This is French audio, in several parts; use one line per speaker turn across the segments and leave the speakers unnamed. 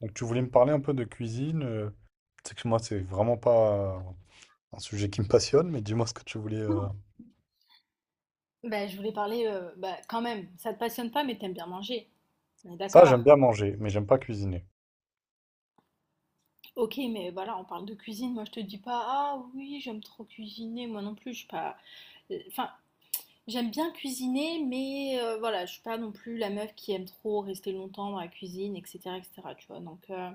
Donc tu voulais me parler un peu de cuisine. Tu que moi, c'est vraiment pas un sujet qui me passionne, mais dis-moi ce que tu voulais.
Bah, je voulais parler, bah, quand même, ça te passionne pas, mais t'aimes bien manger. On est
Ça,
d'accord.
j'aime bien manger, mais j'aime pas cuisiner.
Ok, mais voilà, on parle de cuisine. Moi, je te dis pas, ah oui, j'aime trop cuisiner. Moi non plus, je suis pas. Enfin, j'aime bien cuisiner, mais voilà, je suis pas non plus la meuf qui aime trop rester longtemps dans la cuisine, etc., etc. Tu vois. Donc,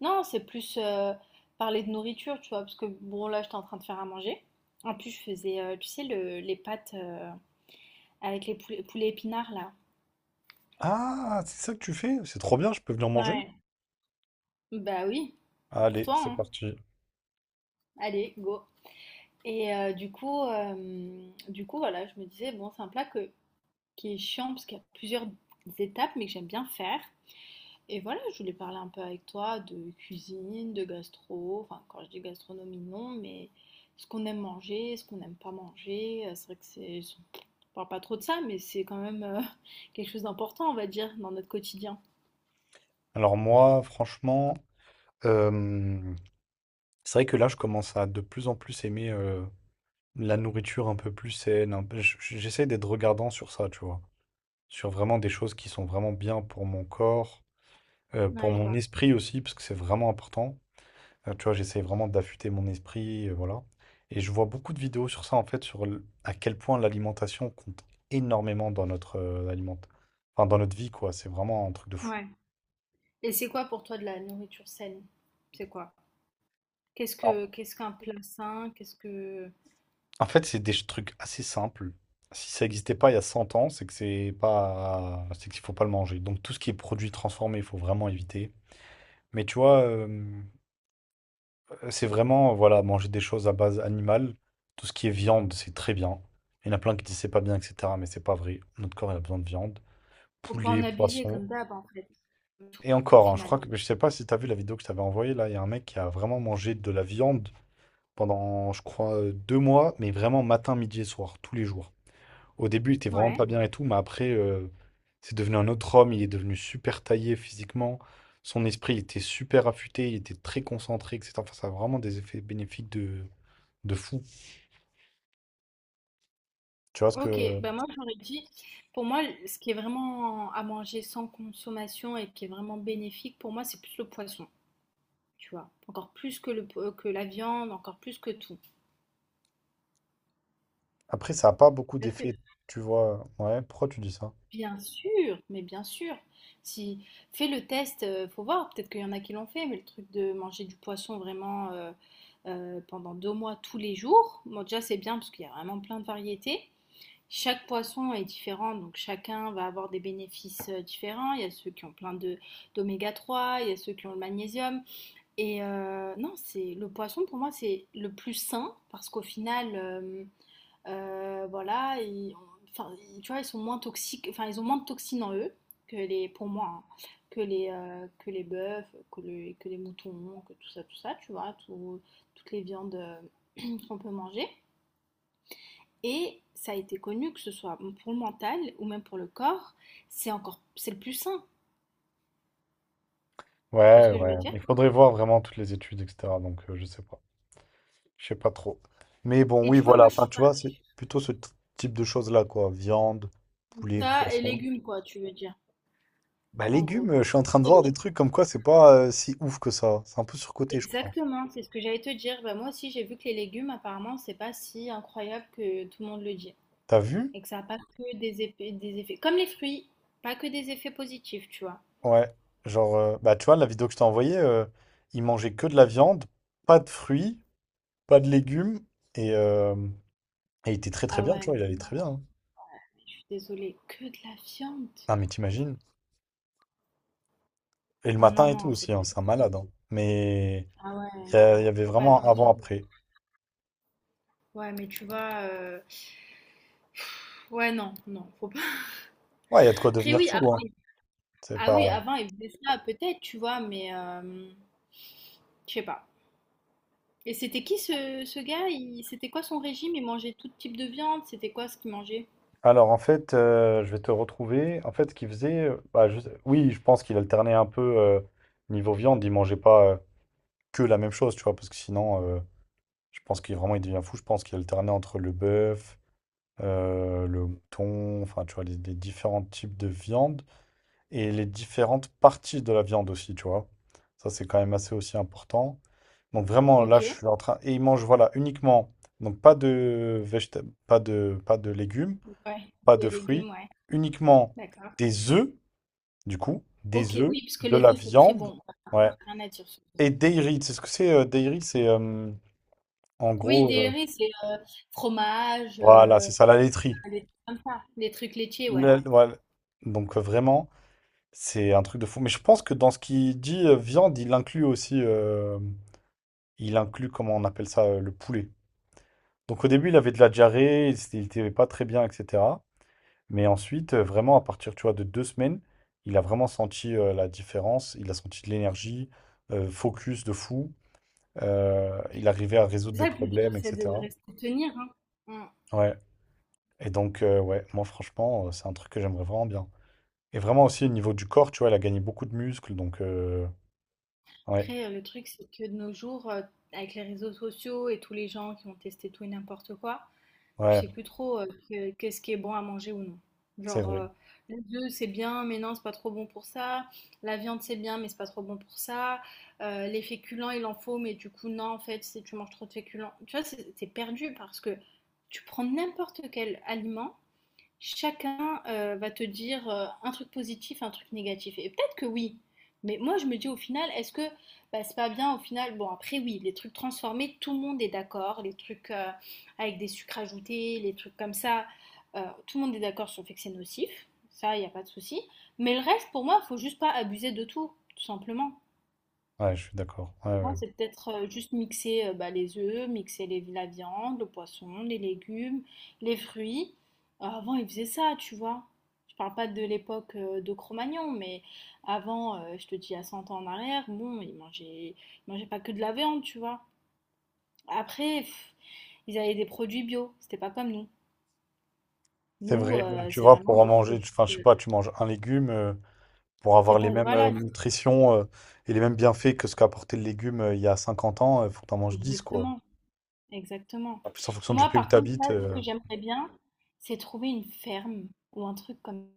non, c'est plus parler de nourriture, tu vois, parce que bon, là, j'étais en train de faire à manger. En plus, je faisais, tu sais, les pâtes avec les poulets, poulets épinards là.
Ah, c'est ça que tu fais? C'est trop bien, je peux venir manger?
Ouais. Bah oui, c'est pour
Allez,
toi,
c'est
hein.
parti.
Allez, go. Et du coup, voilà, je me disais, bon, c'est un plat qui est chiant parce qu'il y a plusieurs étapes, mais que j'aime bien faire. Et voilà, je voulais parler un peu avec toi de cuisine, de gastro. Enfin, quand je dis gastronomie, non, mais ce qu'on aime manger, ce qu'on n'aime pas manger. C'est vrai que on parle pas trop de ça, mais c'est quand même quelque chose d'important, on va dire, dans notre quotidien.
Alors moi, franchement, euh, c'est vrai que là, je commence à de plus en plus aimer la nourriture un peu plus saine. Un peu- j- j- J'essaie d'être regardant sur ça, tu vois. Sur vraiment des choses qui sont vraiment bien pour mon corps, pour
Ouais, je
mon
vois.
esprit aussi, parce que c'est vraiment important. Tu vois, j'essaie vraiment d'affûter mon esprit, voilà. Et je vois beaucoup de vidéos sur ça, en fait, à quel point l'alimentation compte énormément dans notre enfin, dans notre vie, quoi. C'est vraiment un truc de fou.
Ouais. Et c'est quoi pour toi de la nourriture saine? C'est quoi? Qu'est-ce
Alors,
que qu'est-ce qu'un plat sain? Qu'est-ce que
en fait, c'est des trucs assez simples. Si ça n'existait pas il y a 100 ans, c'est qu'il faut pas le manger. Donc tout ce qui est produit transformé, il faut vraiment éviter. Mais tu vois, c'est vraiment, voilà, manger des choses à base animale. Tout ce qui est viande, c'est très bien. Il y en a plein qui disent c'est pas bien, etc. Mais c'est pas vrai. Notre corps, il a besoin de viande.
faut pas en
Poulet,
abuser
poisson.
comme d'hab en fait. Tout
Et
au
encore, hein, je
final.
crois que je sais pas si tu as vu la vidéo que je t'avais envoyée là. Il y a un mec qui a vraiment mangé de la viande pendant, je crois, 2 mois, mais vraiment matin, midi et soir, tous les jours. Au début, il était vraiment pas
Ouais.
bien et tout, mais après, c'est devenu un autre homme. Il est devenu super taillé physiquement. Son esprit il était super affûté, il était très concentré, etc. Enfin, ça a vraiment des effets bénéfiques de fou. Tu vois ce
OK,
que.
bah moi j'aurais dit pour moi ce qui est vraiment à manger sans consommation et qui est vraiment bénéfique pour moi c'est plus le poisson, tu vois. Encore plus que le que la viande, encore plus que tout.
Après, ça a pas beaucoup d'effets, tu vois. Ouais, pourquoi tu dis ça?
Bien sûr, mais bien sûr. Si fais le test, faut voir. Peut-être qu'il y en a qui l'ont fait, mais le truc de manger du poisson vraiment pendant 2 mois tous les jours, bon, déjà c'est bien parce qu'il y a vraiment plein de variétés. Chaque poisson est différent, donc chacun va avoir des bénéfices différents. Il y a ceux qui ont plein de d'oméga 3, il y a ceux qui ont le magnésium. Et non, c'est le poisson pour moi c'est le plus sain parce qu'au final voilà, et enfin, tu vois, ils sont moins toxiques, enfin, ils ont moins de toxines en eux que les, pour moi, hein, que les bœufs, que les moutons, que tout ça, tu vois, toutes les viandes qu'on peut manger. Et ça a été connu que ce soit pour le mental ou même pour le corps, c'est encore, c'est le plus sain. Tu vois ce
Ouais,
que je
ouais.
veux dire?
Il faudrait voir vraiment toutes les études, etc. Donc, je sais pas. Je sais pas trop. Mais bon,
Et
oui,
tu vois,
voilà.
moi, je
Enfin,
suis
tu
pas
vois, c'est plutôt ce type de choses-là, quoi. Viande, poulet,
ça et
poisson.
légumes, quoi, tu veux dire,
Bah,
en
légumes,
gros.
je suis en train de voir des trucs comme quoi c'est pas si ouf que ça. C'est un peu surcoté, je crois.
Exactement, c'est ce que j'allais te dire. Bah, moi aussi, j'ai vu que les légumes, apparemment, c'est pas si incroyable que tout le monde le dit.
T'as vu?
Et que ça n'a pas que des effets, des effets. Comme les fruits, pas que des effets positifs, tu vois.
Ouais. Genre, bah, tu vois, la vidéo que je t'ai envoyée, il mangeait que de la viande, pas de fruits, pas de légumes. Et, euh, et il était très très
Ah
bien,
ouais,
tu
mais
vois, il allait très bien, hein.
je suis désolée, que de la viande.
Ah, mais t'imagines? Et le
Ah non,
matin et tout
non, c'est
aussi,
pas
hein, c'est un malade,
possible.
hein. Mais
Ah ouais,
il y
non,
avait
faut pas
vraiment un
oublier.
avant-après.
Ouais, mais tu vois, ouais, non, non, faut pas.
Ouais, il y a de quoi
Après,
devenir
oui, avant,
fou, hein. C'est
ah oui,
pas.
avant, il faisait ça, peut-être, tu vois, mais je sais pas. Et c'était qui ce, ce gars? C'était quoi son régime? Il mangeait tout type de viande? C'était quoi ce qu'il mangeait?
Alors en fait, je vais te retrouver. En fait, ce qu'il faisait, bah, je sais oui, je pense qu'il alternait un peu, niveau viande. Il mangeait pas, que la même chose, tu vois? Parce que sinon, je pense qu'il vraiment il devient fou. Je pense qu'il alternait entre le bœuf, le mouton, enfin, tu vois? Les différents types de viande et les différentes parties de la viande aussi, tu vois? Ça, c'est quand même assez aussi important. Donc vraiment, là, je
OK.
suis en train et il mange, voilà, uniquement donc pas de légumes
Ouais,
pas de
des légumes,
fruits,
ouais,
uniquement
d'accord.
des œufs, du coup, des
OK,
œufs,
oui, parce que
de
les
la
œufs, c'est très
viande,
bon, parce
ouais.
qu'il rien à dire sur les
Et
œufs.
dairy, tu sais ce que c'est dairy? C'est en
Oui,
gros,
des riz, c'est fromage,
voilà, c'est ça, la laiterie.
des trucs comme ça, des trucs laitiers, ouais.
Voilà. Donc vraiment, c'est un truc de fou. Mais je pense que dans ce qu'il dit viande, il inclut aussi, comment on appelle ça, le poulet. Donc au début, il avait de la diarrhée, il était pas très bien, etc. Mais ensuite, vraiment, à partir, tu vois, de 2 semaines, il a vraiment senti la différence. Il a senti de l'énergie, focus de fou. Il arrivait à résoudre
C'est
des
ça le plus dur,
problèmes,
c'est de
etc.
rester tenir, hein. Mm.
Ouais. Et donc, moi, franchement, c'est un truc que j'aimerais vraiment bien. Et vraiment aussi, au niveau du corps, tu vois, il a gagné beaucoup de muscles. Donc, ouais,
Après, le truc, c'est que de nos jours, avec les réseaux sociaux et tous les gens qui ont testé tout et n'importe quoi, tu
ouais,
sais plus trop qu'est-ce qui est bon à manger ou non.
c'est
Genre,
vrai.
les œufs, c'est bien, mais non, c'est pas trop bon pour ça. La viande, c'est bien, mais c'est pas trop bon pour ça. Les féculents, il en faut, mais du coup, non, en fait, si tu manges trop de féculents. Tu vois, c'est perdu parce que tu prends n'importe quel aliment chacun va te dire un truc positif, un truc négatif. Et peut-être que oui, mais moi je me dis au final, est-ce que bah, c'est pas bien au final. Bon, après oui, les trucs transformés, tout le monde est d'accord, les trucs avec des sucres ajoutés, les trucs comme ça, euh, tout le monde est d'accord sur le fait que c'est nocif, ça, il n'y a pas de souci. Mais le reste, pour moi, il faut juste pas abuser de tout, tout simplement.
Ouais, je suis d'accord. Ouais,
Moi,
ouais.
c'est peut-être juste mixer bah, les œufs, mixer la viande, le poisson, les légumes, les fruits. Avant, ils faisaient ça, tu vois. Je parle pas de l'époque de Cro-Magnon, mais avant, je te dis à 100 ans en arrière, bon, ils mangeaient pas que de la viande, tu vois. Après, pff, ils avaient des produits bio, c'était pas comme nous.
C'est
Nous,
vrai. Tu
c'est
vois,
vraiment
pour en
des
manger,
produits.
enfin, je sais pas, tu manges un légume. Pour
C'est
avoir les
pas,
mêmes
voilà, c'est-
nutritions et les mêmes bienfaits que ce qu'apportait le légume il y a 50 ans, il faut que tu en manges 10 quoi.
exactement. Exactement.
En plus, en fonction du
Moi,
pays où
par
tu
contre, là,
habites,
ce que j'aimerais bien, c'est trouver une ferme ou un truc comme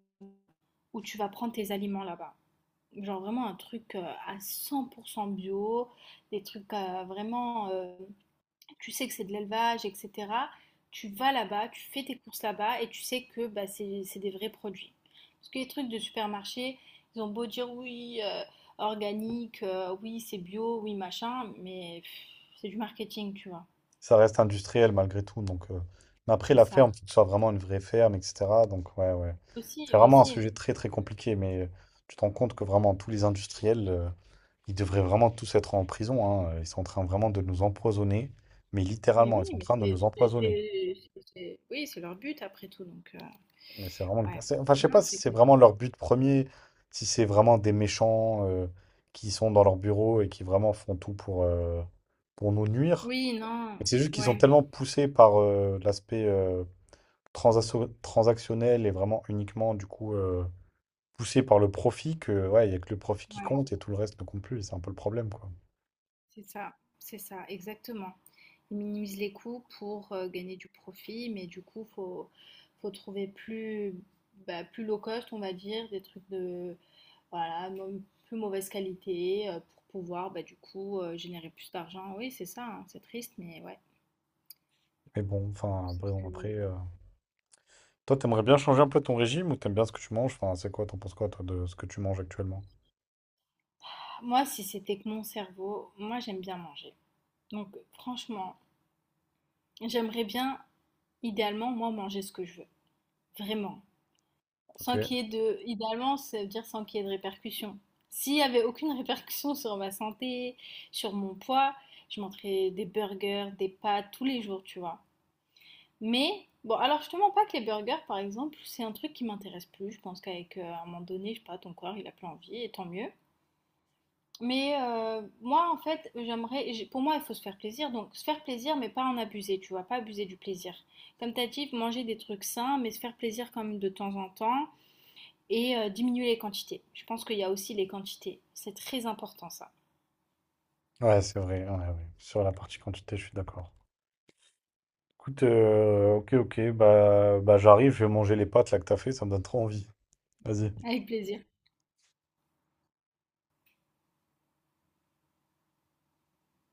où tu vas prendre tes aliments là-bas. Genre vraiment un truc à 100% bio, des trucs vraiment, tu sais que c'est de l'élevage, etc. Tu vas là-bas, tu fais tes courses là-bas et tu sais que bah, c'est des vrais produits. Parce que les trucs de supermarché, ils ont beau dire oui, organique, oui, c'est bio, oui, machin, mais pff, c'est du marketing, tu vois.
ça reste industriel malgré tout. Mais après,
C'est
la ferme,
ça.
il faut que ce soit vraiment une vraie ferme, etc. Donc, ouais, ouais.
Aussi,
C'est vraiment un
aussi.
sujet très, très compliqué, mais tu te rends compte que vraiment, tous les industriels, ils devraient vraiment tous être en prison, hein. Ils sont en train vraiment de nous empoisonner, mais
Mais
littéralement,
oui,
ils sont en
mais
train de nous empoisonner.
c'est oui, c'est leur but après tout donc
Mais c'est vraiment le cas.
ouais.
C'est- Enfin, je sais
Non,
pas si
c'est
c'est
compliqué.
vraiment leur but premier, si c'est vraiment des méchants qui sont dans leur bureau et qui vraiment font tout pour nous nuire.
Oui, non,
Mais c'est juste qu'ils sont
ouais,
tellement poussés par l'aspect transactionnel et vraiment uniquement, du coup, poussés par le profit que, ouais, il n'y a que le profit qui
ouais,
compte et tout le reste ne compte plus. C'est un peu le problème, quoi.
c'est ça, exactement. Ils minimisent les coûts pour, gagner du profit, mais du coup, faut trouver plus, bah, plus low cost, on va dire, des trucs de voilà, mo plus mauvaise qualité, pour pouvoir, bah, du coup, générer plus d'argent. Oui, c'est ça, hein, c'est triste mais ouais.
Mais bon, enfin, après, bon, après. Toi, t'aimerais bien changer un peu ton régime ou t'aimes bien ce que tu manges? Enfin, c'est quoi, t'en penses quoi, toi, de ce que tu manges actuellement?
Moi, si c'était que mon cerveau, moi j'aime bien manger. Donc franchement, j'aimerais bien, idéalement, moi manger ce que je veux. Vraiment.
Ok.
Sans qu'il y ait de... Idéalement, ça veut dire sans qu'il y ait de répercussions. S'il n'y avait aucune répercussion sur ma santé, sur mon poids, je mangerais des burgers, des pâtes tous les jours, tu vois. Mais, bon, alors je te mens pas que les burgers, par exemple, c'est un truc qui m'intéresse plus. Je pense qu'avec, à un moment donné, je sais pas, ton corps, il a plus envie, et tant mieux. Mais moi, en fait, pour moi, il faut se faire plaisir. Donc, se faire plaisir, mais pas en abuser, tu vois, pas abuser du plaisir. Comme t'as dit, manger des trucs sains, mais se faire plaisir quand même de temps en temps et diminuer les quantités. Je pense qu'il y a aussi les quantités. C'est très important, ça.
Ouais, c'est vrai, ouais, ouais. Sur la partie quantité, je suis d'accord. Écoute, ok, ok, bah j'arrive, je vais manger les pâtes là que t'as fait, ça me donne trop envie. Vas-y.
Avec plaisir.